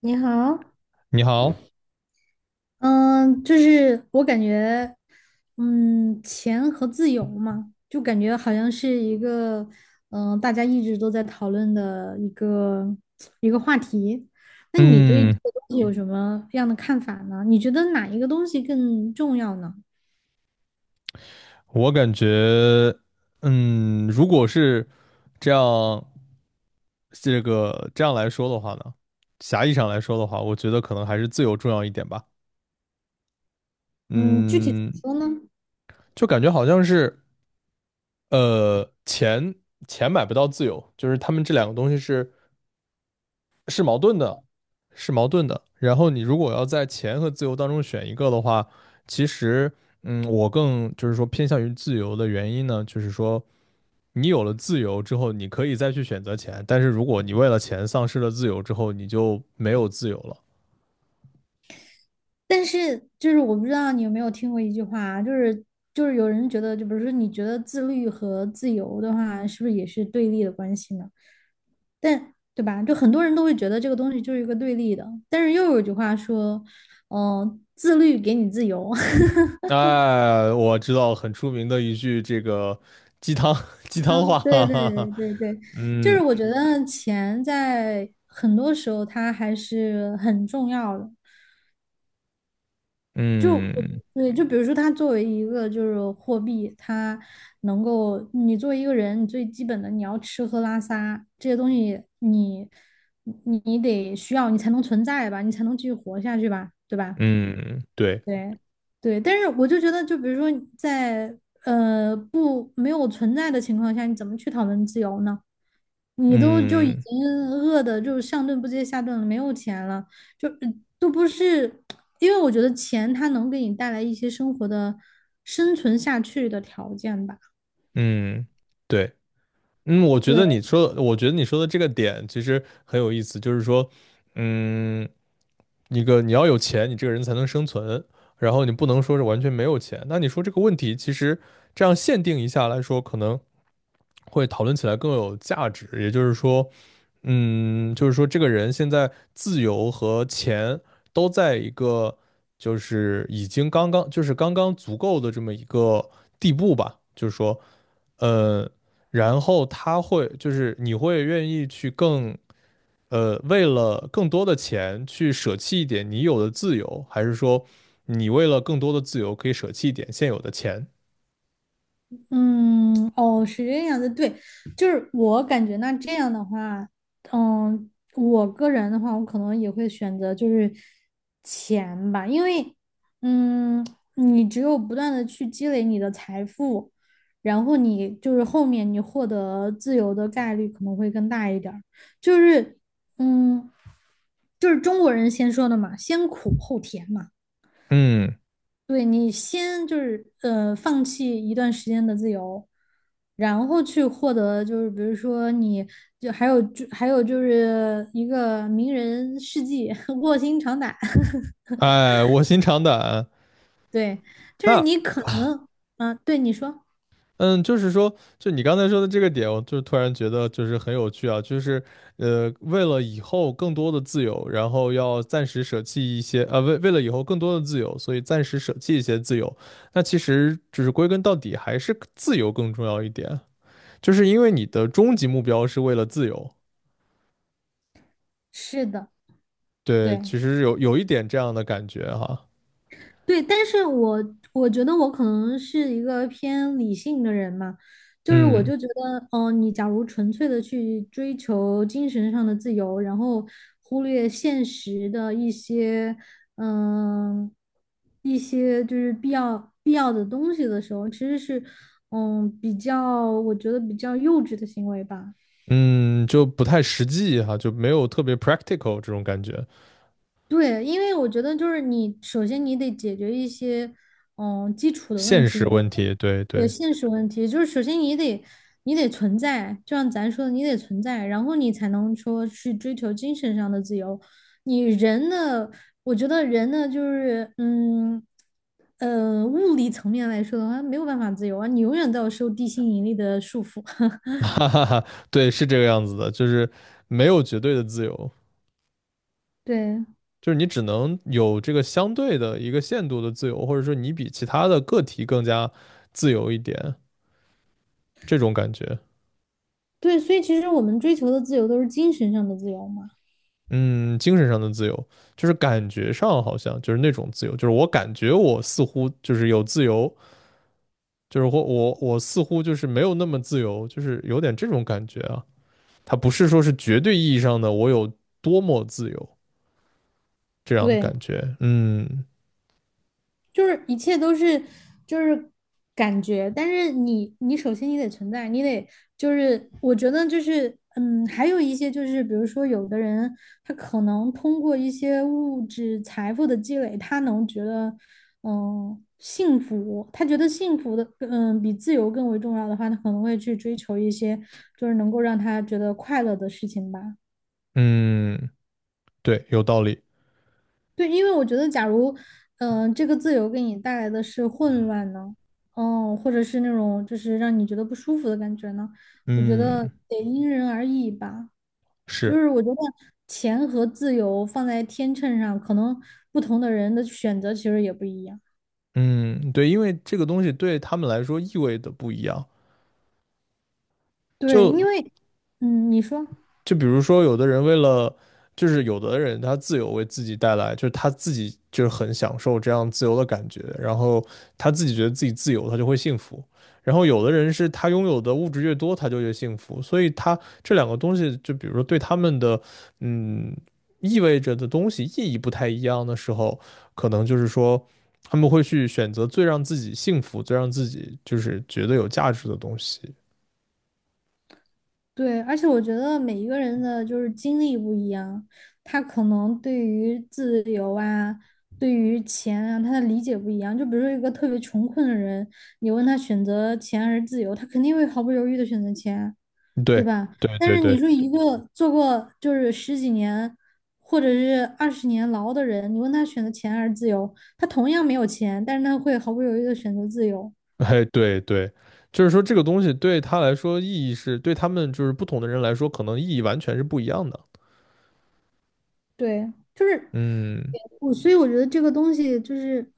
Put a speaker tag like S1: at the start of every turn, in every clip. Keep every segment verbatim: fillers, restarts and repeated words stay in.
S1: 你好，
S2: 你好。
S1: 嗯，就是我感觉，嗯，钱和自由嘛，就感觉好像是一个，嗯，大家一直都在讨论的一个一个话题。那你对这
S2: 嗯，
S1: 个东西有什么样的看法呢？你觉得哪一个东西更重要呢？
S2: 我感觉，嗯，如果是这样，这个这样来说的话呢，狭义上来说的话，我觉得可能还是自由重要一点吧。
S1: 嗯，具体怎么
S2: 嗯，
S1: 说呢？
S2: 就感觉好像是，呃，钱钱买不到自由，就是他们这两个东西是是矛盾的，是矛盾的。然后你如果要在钱和自由当中选一个的话，其实，嗯，我更就是说偏向于自由的原因呢，就是说。你有了自由之后，你可以再去选择钱，但是如果你为了钱丧失了自由之后，你就没有自由了。
S1: 但是就是我不知道你有没有听过一句话啊就是就是有人觉得，就比如说你觉得自律和自由的话，是不是也是对立的关系呢？但对吧？就很多人都会觉得这个东西就是一个对立的，但是又有一句话说，嗯、自律给你自由。
S2: 哎，我知道很出名的一句这个鸡汤鸡汤话，
S1: 嗯，对
S2: 哈
S1: 对
S2: 哈哈。
S1: 对对对，就
S2: 嗯
S1: 是我觉得钱在很多时候它还是很重要的。就我
S2: 嗯
S1: 对，就比如说它作为一个就是货币，它能够你作为一个人，你最基本的你要吃喝拉撒这些东西你你你得需要你才能存在吧，你才能继续活下去吧，对吧？
S2: 嗯，对，
S1: 对，对，但是我就觉得，就比如说在呃不没有存在的情况下，你怎么去讨论自由呢？你都就已
S2: 嗯
S1: 经饿的就上顿不接下顿了，没有钱了，就嗯都不是，因为我觉得钱它能给你带来一些生活的生存下去的条件吧。
S2: 嗯对，嗯，我觉得
S1: 对。
S2: 你说，我觉得你说的这个点其实很有意思，就是说，嗯，一个你要有钱，你这个人才能生存，然后你不能说是完全没有钱。那你说这个问题，其实这样限定一下来说，可能会讨论起来更有价值。也就是说，嗯，就是说这个人现在自由和钱都在一个就是已经刚刚就是刚刚足够的这么一个地步吧，就是说。呃，然后他会就是你会愿意去更呃，为了更多的钱去舍弃一点你有的自由，还是说你为了更多的自由可以舍弃一点现有的钱？
S1: 嗯，哦，是这样的，对，就是我感觉那这样的话，嗯，我个人的话，我可能也会选择就是钱吧，因为，嗯，你只有不断的去积累你的财富，然后你就是后面你获得自由的概率可能会更大一点儿，就是，嗯，就是中国人先说的嘛，先苦后甜嘛。
S2: 嗯，
S1: 对你先就是呃放弃一段时间的自由，然后去获得就是比如说你就还有就还有就是一个名人事迹，卧薪尝胆，
S2: 哎，卧薪尝胆啊。
S1: 对，就是
S2: 那
S1: 你可能啊，对你说
S2: 嗯，就是说，就你刚才说的这个点，我就突然觉得就是很有趣啊，就是呃，为了以后更多的自由，然后要暂时舍弃一些，呃，为为了以后更多的自由，所以暂时舍弃一些自由。那其实就是归根到底还是自由更重要一点，就是因为你的终极目标是为了自由。
S1: 是的，
S2: 对，
S1: 对，
S2: 其实有有一点这样的感觉哈。
S1: 对，但是我我觉得我可能是一个偏理性的人嘛，就是我
S2: 嗯
S1: 就觉得，嗯、你假如纯粹的去追求精神上的自由，然后忽略现实的一些，嗯、一些就是必要必要的东西的时候，其实是，嗯，比较我觉得比较幼稚的行为吧。
S2: 嗯，就不太实际哈，就没有特别 practical 这种感觉。
S1: 对，因为我觉得就是你，首先你得解决一些，嗯，基础的问
S2: 现
S1: 题，
S2: 实
S1: 就比如说
S2: 问题，对
S1: 对
S2: 对。
S1: 现实问题，就是首先你得你得存在，就像咱说的，你得存在，然后你才能说去追求精神上的自由。你人的，我觉得人呢，就是，嗯，呃，物理层面来说的话，没有办法自由啊，你永远都要受地心引力的束缚。
S2: 哈哈哈，对，是这个样子的，就是没有绝对的自由，
S1: 对
S2: 就是你只能有这个相对的一个限度的自由，或者说你比其他的个体更加自由一点，这种感觉。
S1: 对，所以其实我们追求的自由都是精神上的自由嘛。
S2: 嗯，精神上的自由，就是感觉上好像就是那种自由，就是我感觉我似乎就是有自由，就是或我我似乎就是没有那么自由，就是有点这种感觉啊。它不是说是绝对意义上的我有多么自由这样的
S1: 对。
S2: 感觉。嗯
S1: 就是一切都是就是感觉，但是你你首先你得存在，你得就是我觉得就是嗯，还有一些就是比如说有的人他可能通过一些物质财富的积累，他能觉得嗯幸福，他觉得幸福的嗯比自由更为重要的话，他可能会去追求一些就是能够让他觉得快乐的事情吧。
S2: 嗯。对，有道理。
S1: 对，因为我觉得，假如，嗯、这个自由给你带来的是混乱呢，哦，或者是那种就是让你觉得不舒服的感觉呢，我觉得
S2: 嗯，
S1: 得因人而异吧。就
S2: 是，
S1: 是我觉得钱和自由放在天秤上，可能不同的人的选择其实也不一样。
S2: 嗯，对，因为这个东西对他们来说意味的不一样。
S1: 对，因
S2: 就
S1: 为，嗯，你说。
S2: 就比如说，有的人为了，就是有的人他自由为自己带来，就是他自己就是很享受这样自由的感觉，然后他自己觉得自己自由，他就会幸福。然后有的人是他拥有的物质越多，他就越幸福。所以他这两个东西，就比如说对他们的，嗯，意味着的东西意义不太一样的时候，可能就是说他们会去选择最让自己幸福、最让自己就是觉得有价值的东西。
S1: 对，而且我觉得每一个人的就是经历不一样，他可能对于自由啊，对于钱啊，他的理解不一样。就比如说一个特别穷困的人，你问他选择钱还是自由，他肯定会毫不犹豫的选择钱，对
S2: 对，
S1: 吧？
S2: 对，
S1: 但
S2: 对，
S1: 是你
S2: 对。
S1: 说一个做过就是十几年或者是二十年牢的人，你问他选择钱还是自由，他同样没有钱，但是他会毫不犹豫的选择自由。
S2: 哎，对对，就是说这个东西对他来说意义是，对他们就是不同的人来说，可能意义完全是不一样的。
S1: 对，就是
S2: 嗯，
S1: 我，所以我觉得这个东西就是。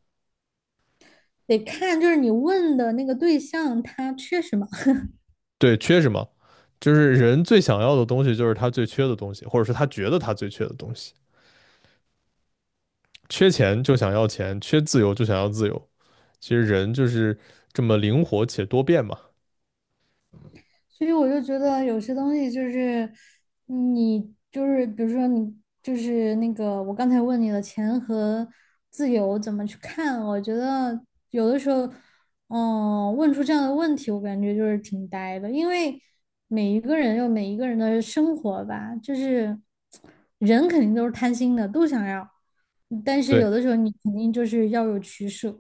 S1: 得看就是你问的那个对象他缺什么，
S2: 对，缺什么？就是人最想要的东西，就是他最缺的东西，或者是他觉得他最缺的东西。缺钱就想要钱，缺自由就想要自由。其实人就是这么灵活且多变嘛。
S1: 所以我就觉得有些东西就是你就是比如说你就是那个我刚才问你的钱和自由怎么去看，我觉得有的时候，嗯，问出这样的问题，我感觉就是挺呆的，因为每一个人有每一个人的生活吧，就是人肯定都是贪心的，都想要，但是有
S2: 对。
S1: 的时候你肯定就是要有取舍。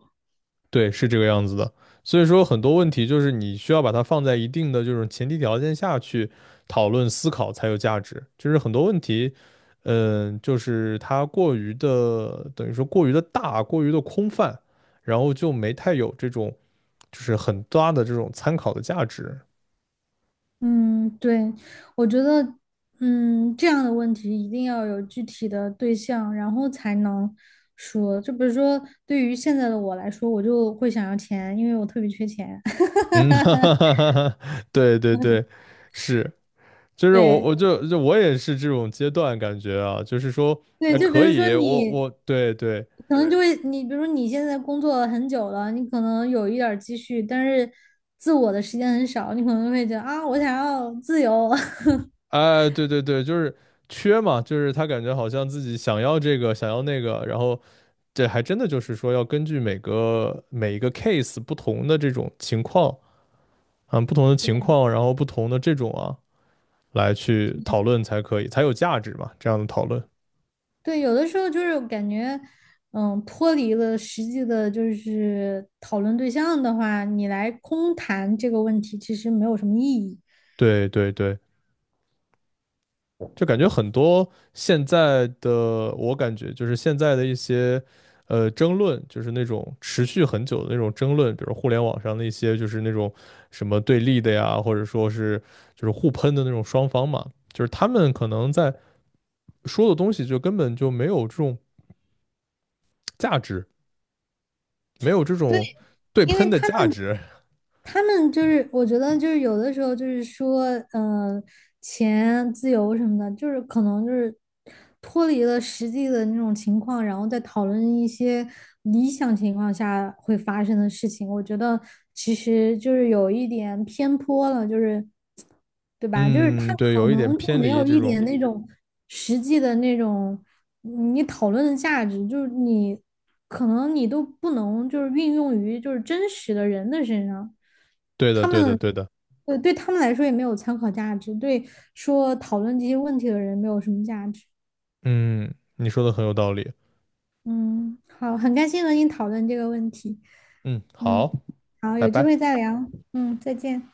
S2: 对，是这个样子的。所以说，很多问题就是你需要把它放在一定的这种前提条件下去讨论思考才有价值。就是很多问题，嗯，就是它过于的，等于说过于的大，过于的空泛，然后就没太有这种就是很大的这种参考的价值。
S1: 嗯，对，我觉得，嗯，这样的问题一定要有具体的对象，然后才能说。就比如说，对于现在的我来说，我就会想要钱，因为我特别缺钱。
S2: 嗯，哈哈哈哈，对对对，是，就是我
S1: 对
S2: 我就就我也是这种阶段感觉啊，就是说，
S1: 对，
S2: 那
S1: 嗯就比
S2: 可
S1: 如说
S2: 以，我
S1: 你
S2: 我对对。
S1: 可能就对会，你比如说你现在工作了很久了，你可能有一点儿积蓄，但是自我的时间很少，你可能会觉得啊，我想要自由。
S2: 哎，对对对，就是缺嘛，就是他感觉好像自己想要这个，想要那个，然后这还真的就是说要根据每个每一个 case 不同的这种情况，嗯，不同的情况，然后不同的这种啊，来去讨论才可以，才有价值嘛，这样的讨论。
S1: 对，有的时候就是感觉，嗯，脱离了实际的，就是讨论对象的话，你来空谈这个问题，其实没有什么意义。
S2: 对对对，就感觉很多现在的，我感觉就是现在的一些呃争论，就是那种持续很久的那种争论，比如互联网上的一些就是那种什么对立的呀，或者说是就是互喷的那种双方嘛，就是他们可能在说的东西就根本就没有这种价值，没有这
S1: 对，
S2: 种对
S1: 因为
S2: 喷的
S1: 他
S2: 价值。
S1: 他们就是，我觉得就是有的时候就是说，嗯、钱自由什么的，就是可能就是脱离了实际的那种情况，然后再讨论一些理想情况下会发生的事情。我觉得其实就是有一点偏颇了，就是对吧？就是他
S2: 嗯，对，
S1: 可
S2: 有一点
S1: 能就
S2: 偏
S1: 没
S2: 离
S1: 有
S2: 这
S1: 一点
S2: 种。
S1: 那种实际的那种。你讨论的价值，就是你可能你都不能就是运用于就是真实的人的身上，
S2: 对的，
S1: 他
S2: 对的，
S1: 们
S2: 对的。
S1: 对对他们来说也没有参考价值，对说讨论这些问题的人没有什么价值。
S2: 嗯，你说的很有道理。
S1: 嗯，好，很开心和你讨论这个问题。
S2: 嗯，
S1: 嗯，
S2: 好，
S1: 好，
S2: 拜
S1: 有机会
S2: 拜。
S1: 再聊。嗯，再见。